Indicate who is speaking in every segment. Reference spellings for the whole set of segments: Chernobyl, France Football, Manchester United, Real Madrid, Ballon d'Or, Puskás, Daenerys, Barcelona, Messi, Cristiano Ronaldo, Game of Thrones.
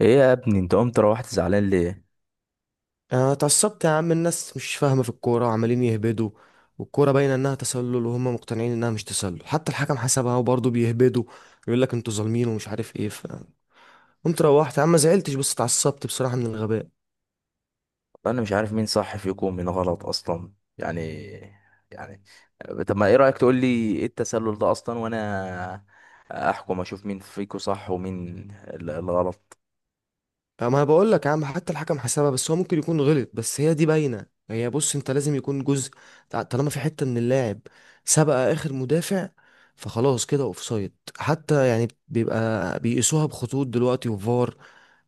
Speaker 1: ايه يا ابني انت قمت روحت زعلان ليه؟
Speaker 2: انا اتعصبت يا عم. الناس مش فاهمه في الكوره وعمالين يهبدوا. والكوره باينه انها تسلل وهم مقتنعين انها مش تسلل، حتى الحكم حسبها وبرضه بيهبدوا. يقول لك انتوا ظالمين ومش عارف ايه. فقمت روحت يا عم، ما زعلتش بس اتعصبت بصراحه من الغباء.
Speaker 1: انا مش عارف مين صح فيكم ومين غلط اصلا. يعني يعني طب ما ايه رايك تقول لي ايه التسلل ده اصلا، وانا احكم اشوف مين فيكم صح ومين الغلط.
Speaker 2: ما انا بقول لك يا عم، حتى الحكم حسبها، بس هو ممكن يكون غلط، بس هي دي باينه. هي بص، انت لازم يكون جزء طالما في حته من اللاعب سبق اخر مدافع، فخلاص كده اوفسايد. حتى يعني بيبقى بيقيسوها بخطوط دلوقتي وفار،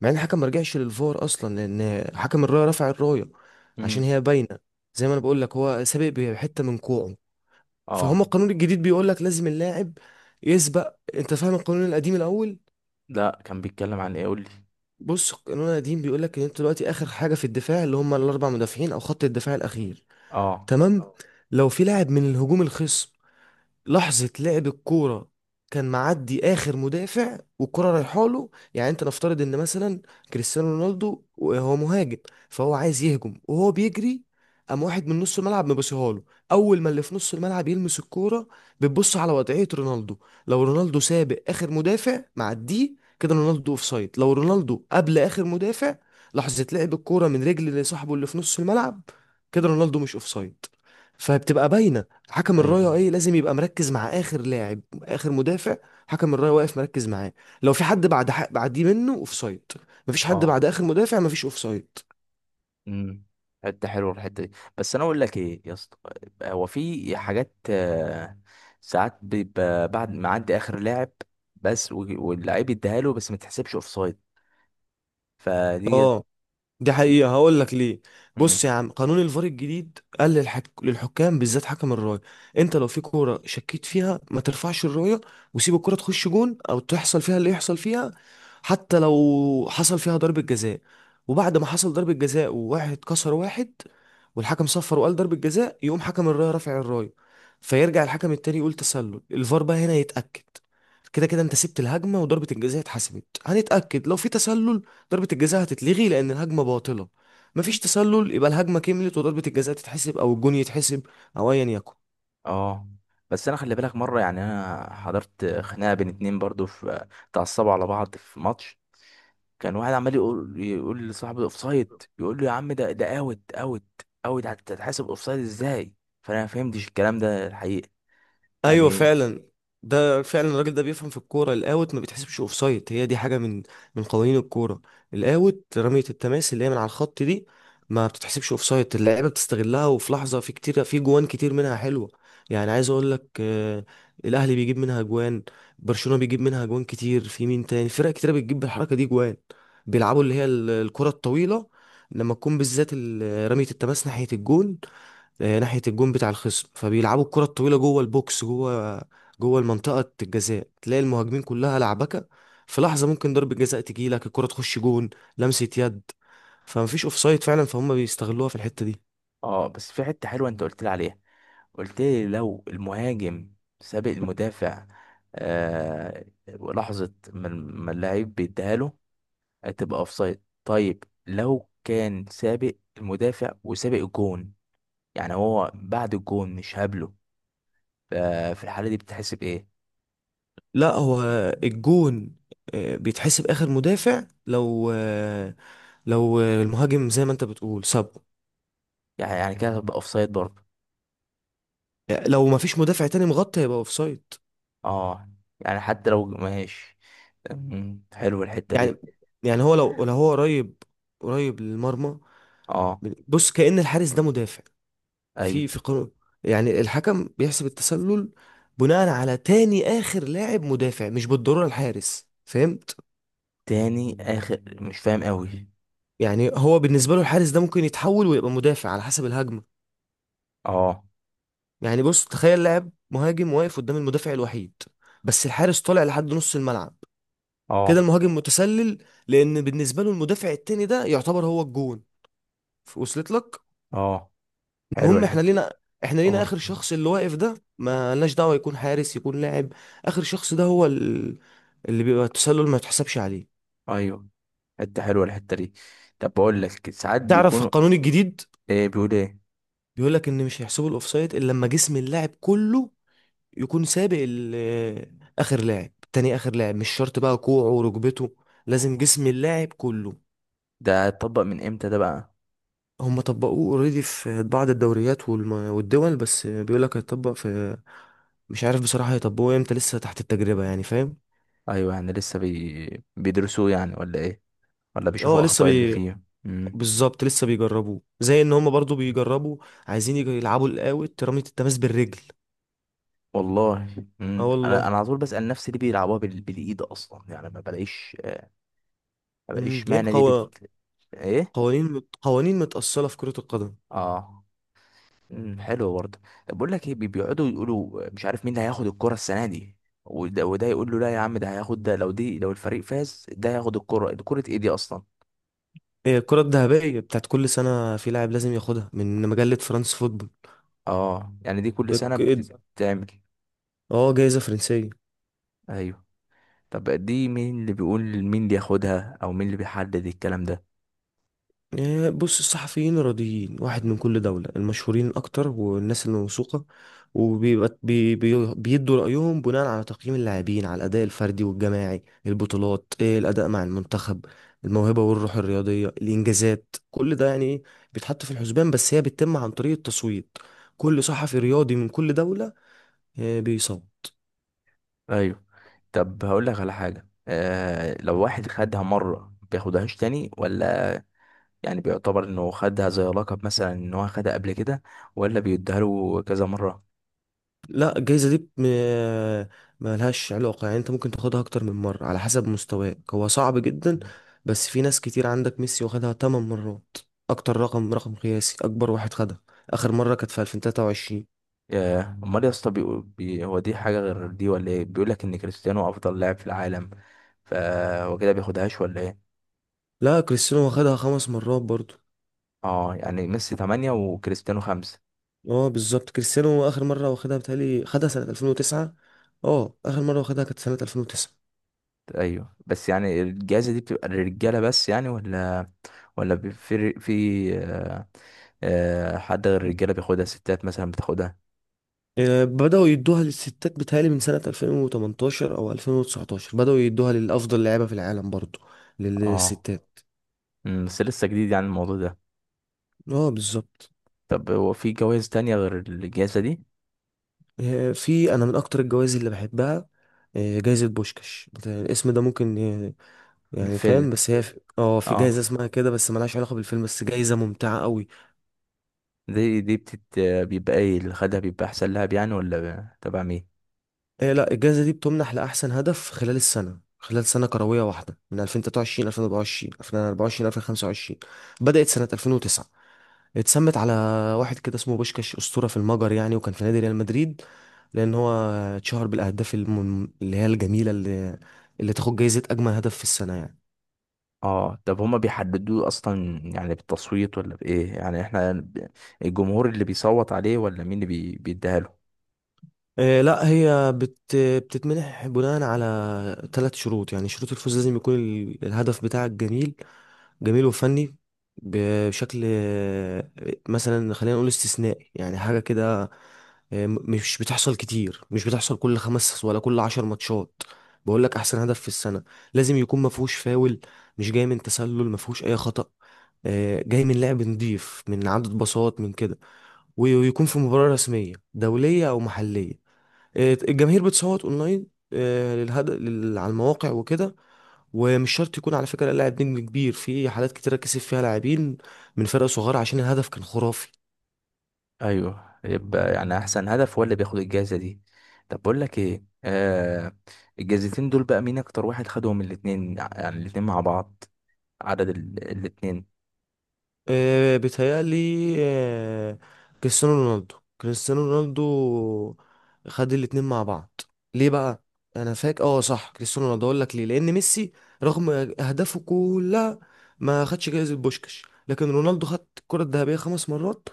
Speaker 2: مع ان الحكم ما رجعش للفار اصلا لان حكم الرايه رفع الرايه عشان
Speaker 1: امم.
Speaker 2: هي باينه. زي ما انا بقول لك، هو سابق بحته من كوعه. فهم
Speaker 1: اه.
Speaker 2: القانون الجديد بيقول لك لازم اللاعب يسبق. انت فاهم القانون القديم الاول؟
Speaker 1: لا، كان بيتكلم عن ايه؟ قول لي.
Speaker 2: بص، قانون قديم بيقول لك ان انت دلوقتي اخر حاجه في الدفاع، اللي هم الاربع مدافعين او خط الدفاع الاخير.
Speaker 1: اه.
Speaker 2: تمام. لو في لاعب من الهجوم الخصم، لحظة لعب الكورة، كان معدي آخر مدافع والكرة رايحة له، يعني أنت نفترض إن مثلا كريستيانو رونالدو هو مهاجم، فهو عايز يهجم وهو بيجري. قام واحد من نص الملعب مبصيها له. أول ما اللي في نص الملعب يلمس الكورة، بتبص على وضعية رونالدو. لو رونالدو سابق آخر مدافع معديه كده، رونالدو أوفسايد. لو رونالدو قبل آخر مدافع لحظة لعب الكورة من رجل صاحبه اللي في نص الملعب، كده رونالدو مش أوفسايد. فبتبقى باينة. حكم
Speaker 1: ايوه.
Speaker 2: الرايه ايه؟ لازم يبقى مركز مع اخر لاعب، اخر مدافع. حكم الرايه واقف مركز معاه. لو في حد بعد حق بعديه منه، اوفسايد. مفيش حد
Speaker 1: اه.
Speaker 2: بعد اخر مدافع، مفيش اوفسايد.
Speaker 1: امم. حته حلوه الحته دي. بس انا اقول لك ايه يا اسطى، هو في حاجات ساعات بيبقى بعد ما عدي اخر لاعب، بس واللعيب يديها له بس ما تحسبش اوف سايد. فدي
Speaker 2: اه، دي
Speaker 1: دي-
Speaker 2: حقيقة. هقول لك ليه.
Speaker 1: مم.
Speaker 2: بص يا عم، قانون الفار الجديد قال للحكام، بالذات حكم الراية، انت لو في كورة شكيت فيها ما ترفعش الراية، وسيب الكورة تخش جون او تحصل فيها اللي يحصل فيها. حتى لو حصل فيها ضربة جزاء. وبعد ما حصل ضربة جزاء وواحد كسر واحد والحكم صفر وقال ضربة جزاء، يقوم حكم الراية رافع الراية. فيرجع الحكم التاني يقول تسلل. الفار بقى هنا يتأكد. كده كده انت سبت الهجمة، وضربة الجزاء اتحسبت. هنتأكد، لو في تسلل ضربة الجزاء هتتلغي لأن الهجمة باطلة. مفيش تسلل، يبقى الهجمة كملت وضربة الجزاء تتحسب أو الجون يتحسب، أو أيا يكن.
Speaker 1: اه، بس انا خلي بالك مره، يعني انا حضرت خناقه بين اتنين برضو، في اتعصبوا على بعض في ماتش. كان واحد عمال يقول لصاحبه اوف سايد، يقول له يا عم ده اوت، اوت اوت هتتحسب اوف سايد ازاي؟ فانا ما فهمتش الكلام ده الحقيقه،
Speaker 2: ايوه
Speaker 1: يعني.
Speaker 2: فعلا. ده فعلا الراجل ده بيفهم في الكوره. الاوت ما بيتحسبش اوف سايد، هي دي حاجه من قوانين الكوره. الاوت رميه التماس اللي هي من على الخط، دي ما بتتحسبش اوف سايد. اللعيبه بتستغلها، وفي لحظه، في كتير، في جوان كتير منها حلوه. يعني عايز اقول لك، الاهلي بيجيب منها جوان، برشلونه بيجيب منها جوان كتير، في مين تاني؟ فرق كتير بتجيب بالحركه دي جوان. بيلعبوا اللي هي الكره الطويله، لما تكون بالذات رميه التماس ناحيه الجون، ناحية الجون بتاع الخصم. فبيلعبوا الكرة الطويلة جوه البوكس، جوه المنطقة الجزاء، تلاقي المهاجمين كلها لعبكة. في لحظة ممكن ضربة جزاء تجيلك، الكرة تخش جون، لمسة يد، فمفيش اوفسايد فعلا. فهم بيستغلوها في الحتة دي.
Speaker 1: اه، بس في حتة حلوة انت قلت لي عليها. قلت لي لو المهاجم سابق المدافع آه لحظة ما اللاعب بيديها له هتبقى اوفسايد، طيب لو كان سابق المدافع وسابق الجون، يعني هو بعد الجون مش هابله، ففي الحالة دي بتحسب ايه؟
Speaker 2: لا هو الجون بيتحسب اخر مدافع. لو المهاجم زي ما انت بتقول سابه.
Speaker 1: يعني كده هتبقى اوفسايد برضه.
Speaker 2: لو ما فيش مدافع تاني مغطي، هيبقى اوفسايد.
Speaker 1: اه، يعني حتى لو ماشي. مم، حلو الحتة
Speaker 2: يعني
Speaker 1: دي.
Speaker 2: يعني هو لو هو قريب، قريب للمرمى.
Speaker 1: اه.
Speaker 2: بص، كأن الحارس ده مدافع.
Speaker 1: ايوه.
Speaker 2: في قانون، يعني الحكم بيحسب التسلل بناء على تاني آخر لاعب مدافع، مش بالضرورة الحارس. فهمت؟
Speaker 1: تاني اخر مش فاهم قوي.
Speaker 2: يعني هو بالنسبة له الحارس ده ممكن يتحول ويبقى مدافع على حسب الهجمة.
Speaker 1: اه.
Speaker 2: يعني بص، تخيل لاعب مهاجم واقف قدام المدافع الوحيد، بس الحارس طالع لحد نص الملعب. كده
Speaker 1: اه.
Speaker 2: المهاجم متسلل، لأن بالنسبة له المدافع التاني ده يعتبر هو الجون. وصلت لك؟
Speaker 1: اه، حلوه
Speaker 2: المهم،
Speaker 1: الحته.
Speaker 2: احنا لينا
Speaker 1: اه.
Speaker 2: اخر شخص اللي واقف ده، ما لناش دعوه يكون حارس يكون لاعب. اخر شخص ده هو اللي بيبقى التسلل ما يتحسبش عليه.
Speaker 1: ايوه، حته حلوه الحته دي. طب بقول لك ساعات
Speaker 2: تعرف
Speaker 1: بيكونوا،
Speaker 2: القانون الجديد
Speaker 1: ايه بيقول ايه؟
Speaker 2: بيقول لك ان مش هيحسبوا الاوفسايد الا لما جسم اللاعب كله يكون سابق اخر لاعب. تاني اخر لاعب، مش شرط بقى كوعه وركبته، لازم جسم اللاعب كله.
Speaker 1: ده اتطبق من امتى ده بقى؟
Speaker 2: هم طبقوه اوريدي في بعض الدوريات والدول، بس بيقول لك هيطبق في، مش عارف بصراحة هيطبقوه امتى. لسه تحت التجربة يعني، فاهم؟
Speaker 1: ايوه، يعني لسه بيدرسوه يعني، ولا ايه؟ ولا
Speaker 2: اه
Speaker 1: بيشوفوا
Speaker 2: لسه.
Speaker 1: اخطاء اللي فيه؟ امم.
Speaker 2: بالظبط، لسه بيجربوه، زي ان هم برضو بيجربوا عايزين يلعبوا القاوت رمية التماس بالرجل.
Speaker 1: والله
Speaker 2: اه
Speaker 1: امم، انا
Speaker 2: والله.
Speaker 1: انا على طول بسأل نفسي ليه بيلعبوها بالايد اصلا، يعني ما بلاقيش، ما
Speaker 2: امم،
Speaker 1: بلاقيش
Speaker 2: هي
Speaker 1: معنى دي ايه.
Speaker 2: قوانين متأصلة في كرة القدم.
Speaker 1: اه. امم، حلو برضه. طب بقول لك ايه، بيقعدوا يقولوا مش عارف مين اللي هياخد الكرة السنة دي، وده, وده يقول له لا يا عم ده هياخد، ده لو دي لو الفريق فاز ده هياخد الكرة دي، كرة ايه دي اصلا؟
Speaker 2: هي الكرة الذهبية بتاعت كل سنة، في لاعب لازم ياخدها من مجلة فرانس فوتبول.
Speaker 1: اه، يعني دي كل سنة
Speaker 2: الك-
Speaker 1: بتتعمل؟
Speaker 2: اه، جايزة فرنسية.
Speaker 1: ايوه. طب دي مين اللي بيقول مين اللي ياخدها، او مين اللي بيحدد الكلام ده؟
Speaker 2: بص، الصحفيين الرياضيين، واحد من كل دولة، المشهورين أكتر والناس الموثوقة، وبيبقى بي بي بيدوا رأيهم بناء على تقييم اللاعبين، على الأداء الفردي والجماعي، البطولات، الأداء مع المنتخب، الموهبة والروح الرياضية، الإنجازات. كل ده يعني إيه بيتحط في الحسبان. بس هي بتتم عن طريق التصويت، كل صحفي رياضي من كل دولة بيصوت.
Speaker 1: ايوه. طب هقول لك على حاجة، آه لو واحد خدها مرة بياخدهاش تاني، ولا يعني بيعتبر انه خدها زي لقب مثلا ان هو خدها قبل كده، ولا بيديها له كذا مرة؟
Speaker 2: لا، الجايزة دي ملهاش علاقة. يعني انت ممكن تاخدها اكتر من مرة على حسب مستواك، هو صعب جدا. بس في ناس كتير، عندك ميسي واخدها 8 مرات، اكتر رقم قياسي، اكبر واحد خدها. اخر مرة كانت في 2023.
Speaker 1: ياه. امال يا اسطى هو دي حاجه غير دي ولا ايه؟ بيقول لك ان كريستيانو افضل لاعب في العالم، فهو كده بياخدهاش ولا ايه؟
Speaker 2: لا كريستيانو واخدها خمس مرات برضو.
Speaker 1: اه، يعني ميسي 8 وكريستيانو 5.
Speaker 2: اه بالظبط، كريستيانو اخر مرة واخدها بتهيألي خدها سنة 2009. اه، اخر مرة واخدها كانت سنة 2009.
Speaker 1: ايوه، بس يعني الجائزه دي بتبقى للرجاله بس يعني، ولا ولا بي- في في آه، آه، حد غير الرجاله بياخدها، ستات مثلا بتاخدها؟
Speaker 2: بدأوا يدوها للستات بتهيألي من سنة 2018 أو 2019، بدأوا يدوها للأفضل لعيبة في العالم برضو،
Speaker 1: اه.
Speaker 2: للستات.
Speaker 1: أمم، بس لسه جديد يعني الموضوع ده.
Speaker 2: اه بالظبط.
Speaker 1: طب هو في جوائز تانية غير الجائزه دي؟
Speaker 2: في، أنا من أكتر الجوائز اللي بحبها جايزة بوشكاش. أنت الاسم ده ممكن يعني فاهم،
Speaker 1: الفيلم.
Speaker 2: بس هي اه، في جايزة
Speaker 1: اه،
Speaker 2: اسمها كده، بس ملهاش علاقة بالفيلم، بس جايزة ممتعة قوي.
Speaker 1: دي بتت بيبقى ايه اللي خدها بيبقى احسن لها يعني، ولا تبع مين؟
Speaker 2: لا، الجايزة دي بتمنح لأحسن هدف خلال السنة، خلال سنة كروية واحدة، من 2023 2024، 2024 2025. بدأت سنة 2009، اتسمت على واحد كده اسمه بوشكاش، أسطورة في المجر يعني، وكان في نادي ريال مدريد، لأن هو اتشهر بالأهداف اللي هي الجميلة، اللي تاخد جايزة أجمل هدف في السنة يعني.
Speaker 1: اه. طب هما بيحددوه اصلا يعني بالتصويت ولا بايه؟ يعني احنا الجمهور اللي بيصوت عليه، ولا مين اللي بيديها له؟
Speaker 2: إيه؟ لا، هي بتتمنح بناء على ثلاث شروط، يعني شروط الفوز. لازم يكون الهدف بتاعك جميل، جميل وفني، بشكل مثلا خلينا نقول استثنائي يعني، حاجة كده. مش بتحصل كتير، مش بتحصل كل خمس ولا كل عشر ماتشات. بقول لك احسن هدف في السنه، لازم يكون ما فيهوش فاول، مش جاي من تسلل، ما فيهوش اي خطأ، جاي من لعب نضيف، من عدد باصات، من كده. ويكون في مباراه رسميه دوليه او محليه. الجماهير بتصوت اونلاين للهدف، على المواقع وكده. ومش شرط يكون على فكره لاعب نجم كبير، في حالات كتيره كسب فيها لاعبين من فرق صغيره عشان الهدف كان خرافي.
Speaker 1: ايوه، يبقى يعني احسن هدف هو اللي بياخد الجائزه دي. طب بقول لك ايه آه، الجائزتين دول بقى مين اكتر واحد خدهم الاتنين، يعني الاتنين مع بعض، عدد الاتنين؟
Speaker 2: بيتهيألي كريستيانو رونالدو. كريستيانو رونالدو خد الاتنين مع بعض. ليه بقى؟ انا فاكر، اه صح، كريستيانو رونالدو. اقول لك ليه، لان ميسي رغم اهدافه كلها ما خدش جايزة بوشكاش، لكن رونالدو خد الكرة الذهبية خمس مرات،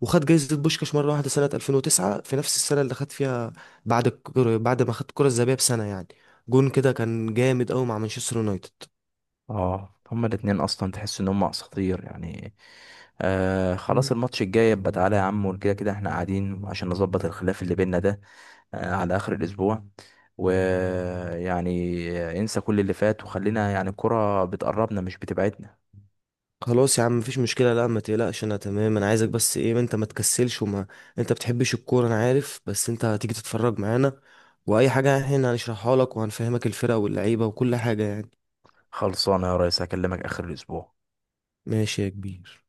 Speaker 2: وخد جايزة بوشكاش مرة واحدة سنة 2009، في نفس السنة اللي خد فيها، بعد الكرة، بعد ما خد الكرة الذهبية بسنة يعني. جون كده كان جامد قوي مع مانشستر يونايتد.
Speaker 1: اه. هما الاتنين اصلا تحس ان هما اساطير يعني. آه، خلاص الماتش الجاي يبقى تعالى يا عم، وكده كده احنا قاعدين عشان نظبط الخلاف اللي بينا ده، آه على اخر الاسبوع، ويعني انسى كل اللي فات، وخلينا يعني الكرة بتقربنا مش بتبعدنا.
Speaker 2: خلاص يا عم، مفيش مشكلة. لا ما تقلقش انا تمام. انا عايزك بس ايه، انت ما تكسلش، وما انت بتحبش الكورة انا عارف، بس انت هتيجي تتفرج معانا، واي حاجة احنا هنشرحها لك، وهنفهمك الفرق واللعيبة وكل حاجة يعني.
Speaker 1: خلصانة يا ريس، هكلمك اخر الاسبوع.
Speaker 2: ماشي يا كبير.